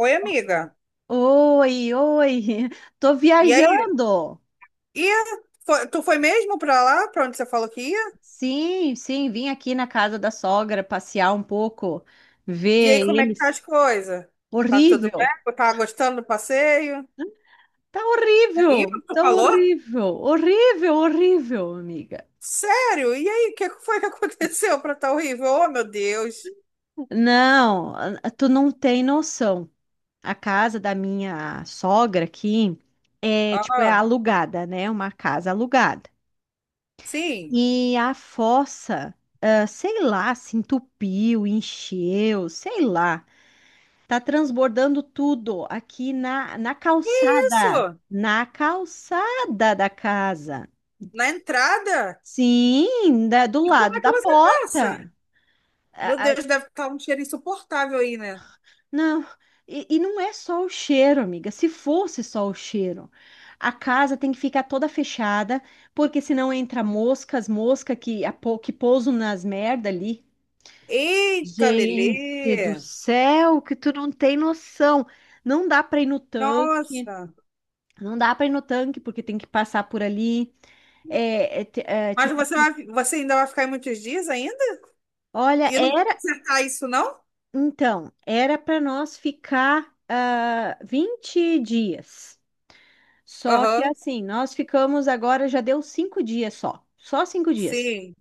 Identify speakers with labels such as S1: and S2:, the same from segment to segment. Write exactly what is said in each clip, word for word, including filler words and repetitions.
S1: Oi, amiga.
S2: Oi, oi, tô
S1: E aí?
S2: viajando.
S1: E foi- tu foi mesmo pra lá, pra onde você falou que ia?
S2: Sim, sim, vim aqui na casa da sogra passear um pouco,
S1: E
S2: ver
S1: aí, como é que tá
S2: eles.
S1: as coisas? Tá tudo bem?
S2: Horrível,
S1: Tá gostando do passeio?
S2: tá
S1: É
S2: horrível,
S1: horrível tu
S2: tá
S1: falou?
S2: horrível, horrível, horrível, amiga.
S1: Sério? E aí, o que foi que aconteceu pra tá horrível? Oh, meu Deus.
S2: Não, ah, tu não tem noção. A casa da minha sogra aqui é tipo é
S1: Ah,
S2: alugada, né? Uma casa alugada.
S1: sim.
S2: E a fossa, ah, sei lá, se entupiu, encheu, sei lá. Tá transbordando tudo aqui na, na calçada,
S1: Isso,
S2: na calçada da casa.
S1: na entrada?
S2: Sim, da- do
S1: E como
S2: lado
S1: é que
S2: da
S1: você passa?
S2: porta.
S1: Meu
S2: A- a-
S1: Deus, deve estar um cheiro insuportável aí, né?
S2: não, e, e não é só o cheiro, amiga. Se fosse só o cheiro, a casa tem que ficar toda fechada, porque senão entra moscas, mosca que, a po- que pousam nas merda ali.
S1: Eita,
S2: Gente do
S1: Lelê.
S2: céu, que tu não tem noção. Não dá para ir no tanque.
S1: Nossa.
S2: Não dá para ir no tanque porque tem que passar por ali. É, é, t- é,
S1: Mas
S2: tipo
S1: você
S2: assim,
S1: vai, você ainda vai ficar aí muitos dias ainda?
S2: olha,
S1: E não vai
S2: era
S1: consertar isso, não?
S2: então, era para nós ficar ah, vinte dias. Só que
S1: Aham,
S2: assim, nós ficamos agora, já deu cinco dias só, só cinco dias.
S1: sim.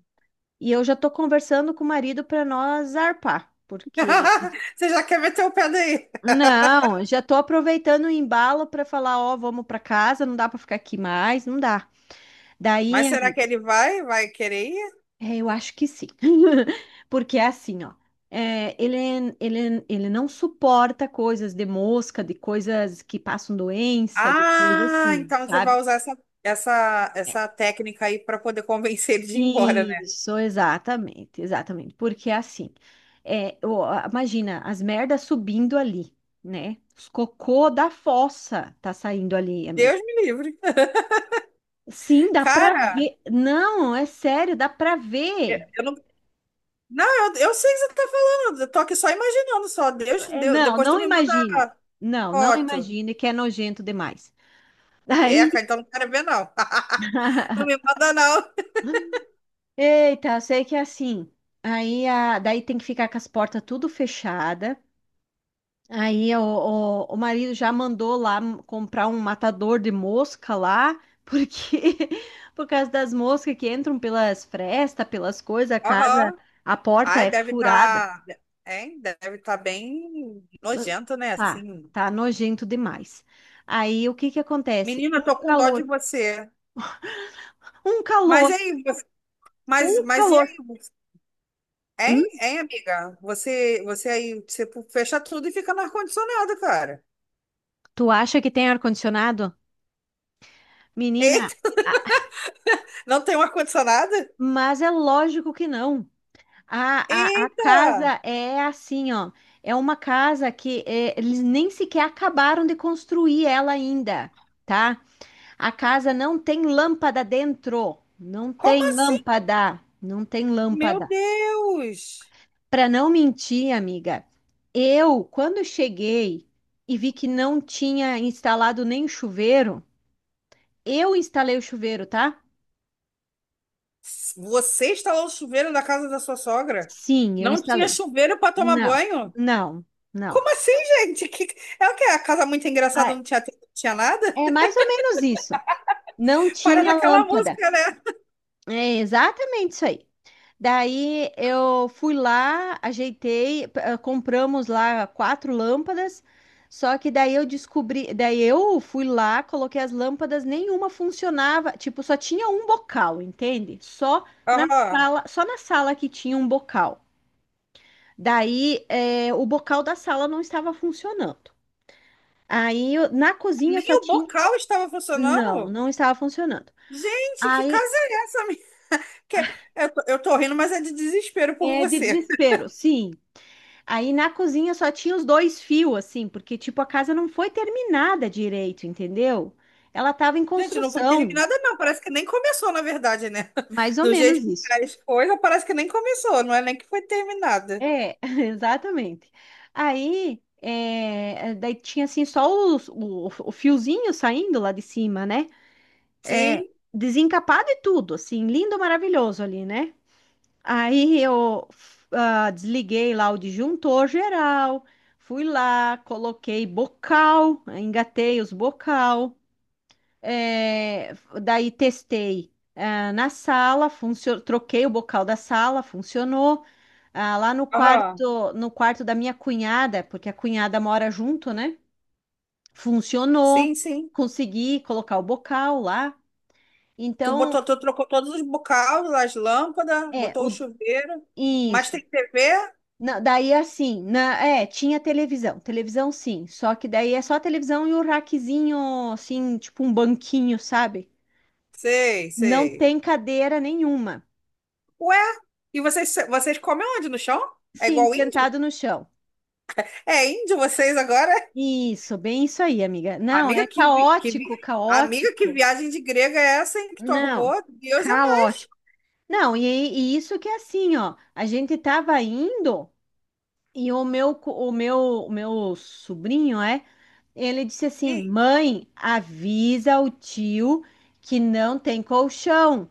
S2: E eu já tô conversando com o marido para nós zarpar, porque
S1: Você já quer meter o pé daí.
S2: não, já tô aproveitando o embalo para falar, ó, vamos para casa, não dá para ficar aqui mais, não dá. Daí
S1: Mas será que ele vai? Vai querer ir?
S2: é, eu acho que sim. Porque é assim, ó. é, ele, é, ele, é, ele não suporta coisas de mosca, de coisas que passam doença, de coisa
S1: Ah,
S2: assim,
S1: então você
S2: sabe?
S1: vai usar essa, essa, essa técnica aí para poder convencer ele de ir embora, né?
S2: Isso, exatamente, exatamente. Porque é assim, é, o- a- imagina as merdas subindo ali, né? Os cocô da fossa tá saindo ali, amigo.
S1: Deus me livre.
S2: Sim, dá pra
S1: Cara,
S2: ver. Não, é sério, dá pra
S1: eu
S2: ver.
S1: eu não. Não, eu, eu sei o que você tá falando. Eu tô aqui só imaginando, só. Deus,
S2: É,
S1: Deus,
S2: não,
S1: depois tu
S2: não
S1: me manda
S2: imagine.
S1: a
S2: Não, não
S1: foto.
S2: imagine que é nojento demais.
S1: É,
S2: Aí,
S1: cara, então não quero ver, não. Não me manda, não.
S2: eita, eu sei que é assim. Aí, a, daí tem que ficar com as portas tudo fechada. Aí o, o, o marido já mandou lá m- comprar um matador de mosca lá, porque por causa das moscas que entram pelas frestas, pelas coisas, a casa,
S1: Aham.
S2: a porta
S1: Ai,
S2: é
S1: deve
S2: furada.
S1: estar. Hein? Deve estar bem nojento, né?
S2: Tá,
S1: Assim.
S2: tá nojento demais. Aí o que que acontece?
S1: Menina,
S2: Um
S1: eu tô com dó de
S2: calor,
S1: você.
S2: um
S1: Mas
S2: calor,
S1: aí, você- mas,
S2: um
S1: mas e
S2: calor.
S1: aí? Você- Hein,
S2: Hum?
S1: hein, amiga? Você, você aí, você fecha tudo e fica no ar-condicionado, cara.
S2: Tu acha que tem ar-condicionado? Menina,
S1: Eita,
S2: a-
S1: não tem um ar-condicionado?
S2: mas é lógico que não. A, a, a
S1: Eita!
S2: casa é assim, ó. É uma casa que é, eles nem sequer acabaram de construir ela ainda, tá? A casa não tem lâmpada dentro. Não
S1: Como
S2: tem
S1: assim?
S2: lâmpada. Não tem
S1: Meu
S2: lâmpada.
S1: Deus!
S2: Para não mentir, amiga, eu, quando cheguei e vi que não tinha instalado nem chuveiro, eu instalei o chuveiro, tá?
S1: Você instalou o chuveiro na casa da sua sogra?
S2: Sim, eu
S1: Não tinha
S2: instalei.
S1: chuveiro para tomar
S2: Não,
S1: banho?
S2: não, não.
S1: Como assim, gente? Que... É o quê? A casa muito engraçada
S2: Ah,
S1: não tinha, não tinha nada?
S2: é mais ou menos isso. Não
S1: Para
S2: tinha
S1: daquela
S2: lâmpada.
S1: música, né?
S2: É exatamente isso aí. Daí eu fui lá, ajeitei, p- eh, compramos lá quatro lâmpadas. Só que daí eu descobri, daí eu fui lá, coloquei as lâmpadas, nenhuma funcionava, tipo, só tinha um bocal, entende? Só na
S1: Aham.
S2: sala, só na sala que tinha um bocal. Daí eh, o bocal da sala não estava funcionando. Aí eu- na cozinha
S1: Nem
S2: só
S1: o
S2: tinha.
S1: bocal estava
S2: Não,
S1: funcionando.
S2: não estava funcionando.
S1: Gente, que
S2: Aí
S1: casa é essa? Minha? Que... Eu tô, eu tô rindo, mas é de desespero por
S2: é de
S1: você.
S2: desespero, sim. Aí na cozinha só tinha os dois fios, assim, porque tipo a casa não foi terminada direito, entendeu? Ela estava em
S1: Gente, não foi
S2: construção,
S1: terminada, não. Parece que nem começou, na verdade, né?
S2: mais ou
S1: Do jeito
S2: menos
S1: que
S2: isso.
S1: faz coisa, parece que nem começou. Não é nem que foi terminada.
S2: É, exatamente. Aí é, daí tinha assim só os- o, o fiozinho saindo lá de cima, né? É,
S1: Sim.
S2: desencapado e tudo, assim, lindo, maravilhoso ali, né? Aí eu ah, desliguei lá o disjuntor geral, fui lá, coloquei bocal, engatei os bocal, eh, daí testei ah, na sala, funcio- troquei o bocal da sala, funcionou. Ah, lá no
S1: Aham.
S2: quarto, no quarto da minha cunhada, porque a cunhada mora junto, né?
S1: Sim,
S2: Funcionou,
S1: sim.
S2: consegui colocar o bocal lá.
S1: Tu
S2: Então,
S1: botou, tu trocou todos os bocais, as lâmpadas,
S2: é,
S1: botou o
S2: o,
S1: chuveiro. Mas
S2: isso.
S1: tem tê vê?
S2: Não, daí assim, na, é, tinha televisão, televisão sim, só que daí é só a televisão e o raquezinho, assim, tipo um banquinho, sabe?
S1: Sei,
S2: Não
S1: sei.
S2: tem cadeira nenhuma.
S1: Ué, e vocês, vocês comem onde? No chão? É
S2: Sim,
S1: igual índio?
S2: sentado no chão.
S1: É índio vocês agora?
S2: Isso, bem isso aí, amiga. Não, é
S1: Amiga, que, vi- que, vi-
S2: caótico,
S1: amiga, que
S2: caótico.
S1: viagem de grega é essa, hein, que tu
S2: Não,
S1: arrumou? Deus é
S2: caótico. Não, e, e isso que é assim, ó, a gente tava indo e o meu, co- o meu, o meu sobrinho, é, ele disse assim:
S1: mãe.
S2: Mãe, avisa o tio que não tem colchão.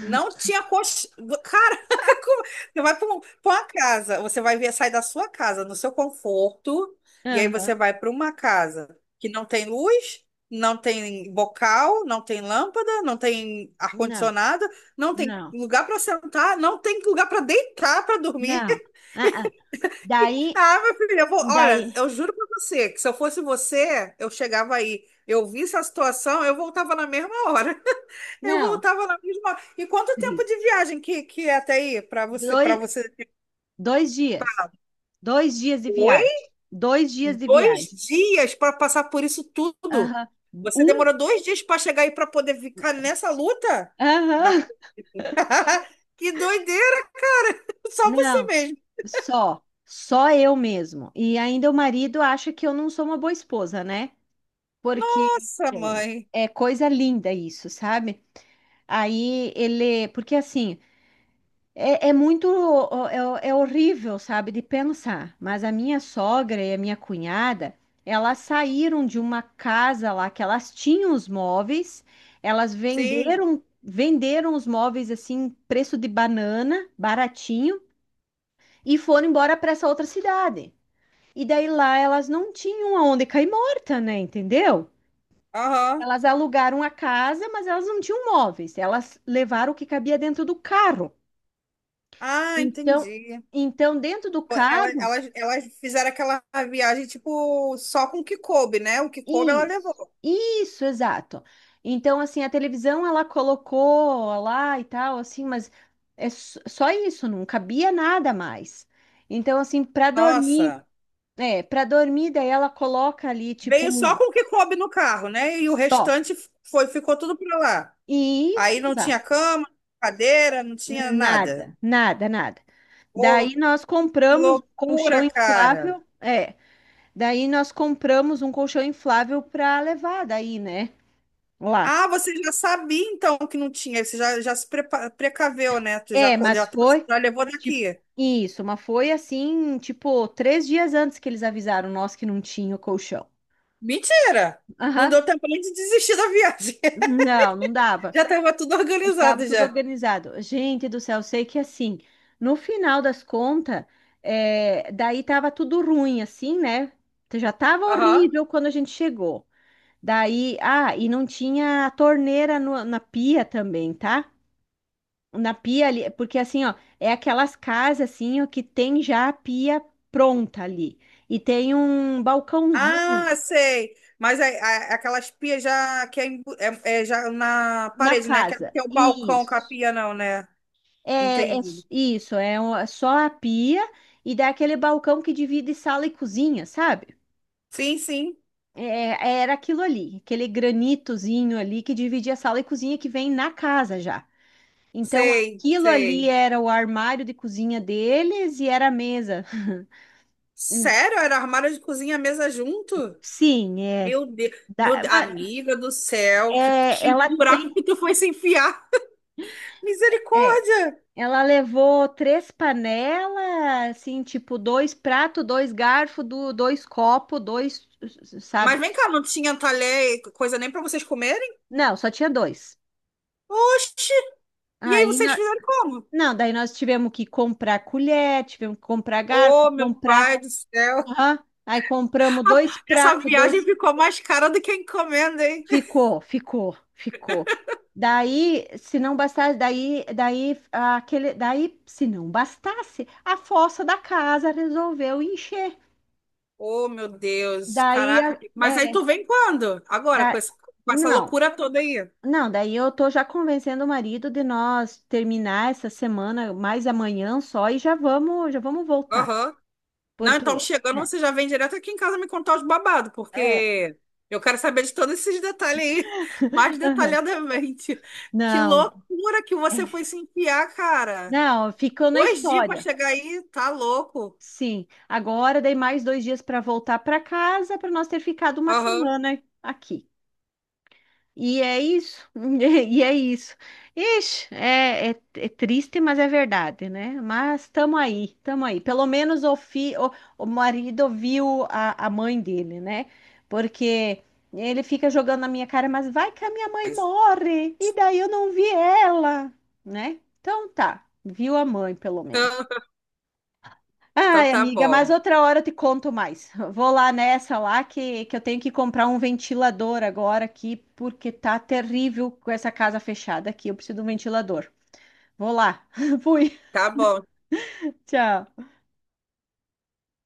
S1: Não tinha coxinha. Caraca, como- você vai para uma casa, você vai ver, sai da sua casa, no seu conforto, e aí
S2: Aham.
S1: você vai para uma casa que não tem luz, não tem bocal, não tem lâmpada, não tem
S2: Não,
S1: ar-condicionado, não tem
S2: não,
S1: lugar para sentar, não tem lugar para deitar, para dormir.
S2: não. Ah, ah. Daí,
S1: Ah, meu filho, eu vou... olha,
S2: daí,
S1: eu juro para você que se eu fosse você, eu chegava aí, eu visse a situação, eu voltava na mesma hora. Eu
S2: não,
S1: voltava na mesma. E quanto tempo de
S2: triste.
S1: viagem que, que é até aí para você, para
S2: Dois,
S1: você?
S2: dois dias. Dois dias de
S1: Oi?
S2: viagem. Dois dias de
S1: Dois
S2: viagem.
S1: dias para passar por isso tudo.
S2: Aham.
S1: Você
S2: Um,
S1: demorou dois dias para chegar aí para poder ficar nessa luta? Na-
S2: aham.
S1: Que doideira! Só você
S2: Não,
S1: mesmo.
S2: só. Só eu mesmo. E ainda o marido acha que eu não sou uma boa esposa, né? Porque
S1: Nossa,
S2: é
S1: mãe.
S2: é coisa linda isso, sabe? Aí ele, porque assim, é, é muito, é, é horrível, sabe, de pensar. Mas a minha sogra e a minha cunhada, elas saíram de uma casa lá que elas tinham os móveis, elas
S1: Sim.
S2: venderam, venderam os móveis assim, preço de banana, baratinho, e foram embora para essa outra cidade. E daí lá elas não tinham aonde cair morta, né? Entendeu?
S1: Aham.
S2: Elas alugaram a casa, mas elas não tinham móveis. Elas levaram o que cabia dentro do carro.
S1: Ah,
S2: Então,
S1: entendi.
S2: então dentro do
S1: Pô, Ela,
S2: carro,
S1: elas, elas fizeram aquela viagem, tipo, só com o que coube, né? O que coube ela
S2: isso,
S1: levou.
S2: isso, exato. Então, assim, a televisão ela colocou lá e tal, assim, mas é s- só isso, não cabia nada mais. Então, assim, para dormir,
S1: Nossa.
S2: é, para dormir, daí ela coloca ali, tipo,
S1: Veio
S2: um
S1: só com o que coube no carro, né? E o
S2: só.
S1: restante foi, ficou tudo pra lá.
S2: E isso,
S1: Aí não tinha
S2: exato.
S1: cama, cadeira, não tinha nada.
S2: Nada, nada, nada. Daí
S1: Pô,
S2: nós
S1: que
S2: compramos um colchão
S1: loucura, cara.
S2: inflável, é. Daí nós compramos um colchão inflável para levar daí, né? Lá.
S1: Ah, você já sabia então que não tinha, você já, já se prepa- precaveu, né? Tu já,
S2: É,
S1: co-
S2: mas
S1: já, trouxe-
S2: foi
S1: já levou
S2: tipo
S1: daqui.
S2: isso, mas foi assim, tipo, três dias antes que eles avisaram nós que não tinha o colchão.
S1: Mentira! Não deu
S2: Aham.
S1: tempo nem de desistir da viagem.
S2: Não, não dava.
S1: Já estava tudo
S2: Estava
S1: organizado
S2: tudo
S1: já.
S2: organizado. Gente do céu, eu sei que assim, no final das contas, é, daí tava tudo ruim, assim, né? Já tava
S1: Aham.
S2: horrível quando a gente chegou. Daí, ah, e não tinha a torneira no- na pia também, tá? Na pia ali, porque assim, ó, é aquelas casas assim, ó, que tem já a pia pronta ali. E tem um
S1: Ah,
S2: balcãozinho
S1: sei. Mas é, é- aquelas pias já que é, embu- é- é já na
S2: na
S1: parede, né? Aquela
S2: casa.
S1: que é o balcão com a
S2: Isso.
S1: pia, não, né?
S2: É, é
S1: Entendi.
S2: s- isso, é o- é só a pia e dá aquele balcão que divide sala e cozinha, sabe?
S1: Sim, sim.
S2: É, é, era aquilo ali, aquele granitozinho ali que dividia sala e cozinha que vem na casa já. Então,
S1: Sei,
S2: aquilo ali
S1: sei.
S2: era o armário de cozinha deles e era a mesa.
S1: Sério? Era armário de cozinha e mesa junto?
S2: Sim, é.
S1: Meu Deus, meu
S2: Dá,
S1: Deus, amiga do céu, que,
S2: É,
S1: que
S2: ela
S1: buraco
S2: tem,
S1: que tu foi se enfiar.
S2: é,
S1: Misericórdia!
S2: ela levou três panelas, assim, tipo, dois pratos, dois garfos, dois copos, dois,
S1: Mas
S2: sabe?
S1: vem cá, não tinha talher, e coisa nem pra vocês comerem?
S2: Não, só tinha dois.
S1: Oxi! E aí
S2: Aí,
S1: vocês
S2: nó-
S1: fizeram como?
S2: não, daí nós tivemos que comprar colher, tivemos que comprar garfo,
S1: Ô, meu pai
S2: comprar,
S1: do céu!
S2: aham. Aí compramos dois
S1: Essa
S2: pratos,
S1: viagem
S2: dois,
S1: ficou mais cara do que a encomenda, hein?
S2: ficou, ficou, ficou. Daí, se não bastasse, daí, daí, aquele, daí, se não bastasse, a fossa da casa resolveu encher.
S1: Oh, meu Deus,
S2: Daí,
S1: caraca.
S2: a-
S1: Mas aí
S2: é,
S1: tu vem quando? Agora, com
S2: da,
S1: esse- com essa
S2: não,
S1: loucura toda aí.
S2: não, daí eu tô já convencendo o marido de nós terminar essa semana, mais amanhã só, e já vamos, já vamos voltar.
S1: Aham. Não, então
S2: Porque,
S1: chegando,
S2: é,
S1: você já vem direto aqui em casa me contar os babados,
S2: é,
S1: porque eu quero saber de todos esses detalhes aí, mais
S2: aham,
S1: detalhadamente. Que
S2: não,
S1: loucura que
S2: é,
S1: você foi se enfiar, cara.
S2: não, ficou na
S1: Dois dias pra
S2: história.
S1: chegar aí, tá louco.
S2: Sim, agora dei mais dois dias para voltar para casa, para nós ter ficado uma
S1: Aham.
S2: semana aqui. E é isso, e é isso. Ixi, é, é, é triste, mas é verdade, né? Mas tamo aí, tamo aí. Pelo menos o, fi, o, o marido viu a, a mãe dele, né? Porque ele fica jogando na minha cara, mas vai que a minha mãe morre, e daí eu não vi ela, né? Então tá, viu a mãe, pelo menos.
S1: Então então
S2: Ai,
S1: tá
S2: amiga, mas
S1: bom.
S2: outra hora eu te conto mais. Vou lá nessa lá que, que eu tenho que comprar um ventilador agora aqui, porque tá terrível com essa casa fechada aqui. Eu preciso de um ventilador. Vou lá. Fui.
S1: Tá bom.
S2: Tchau.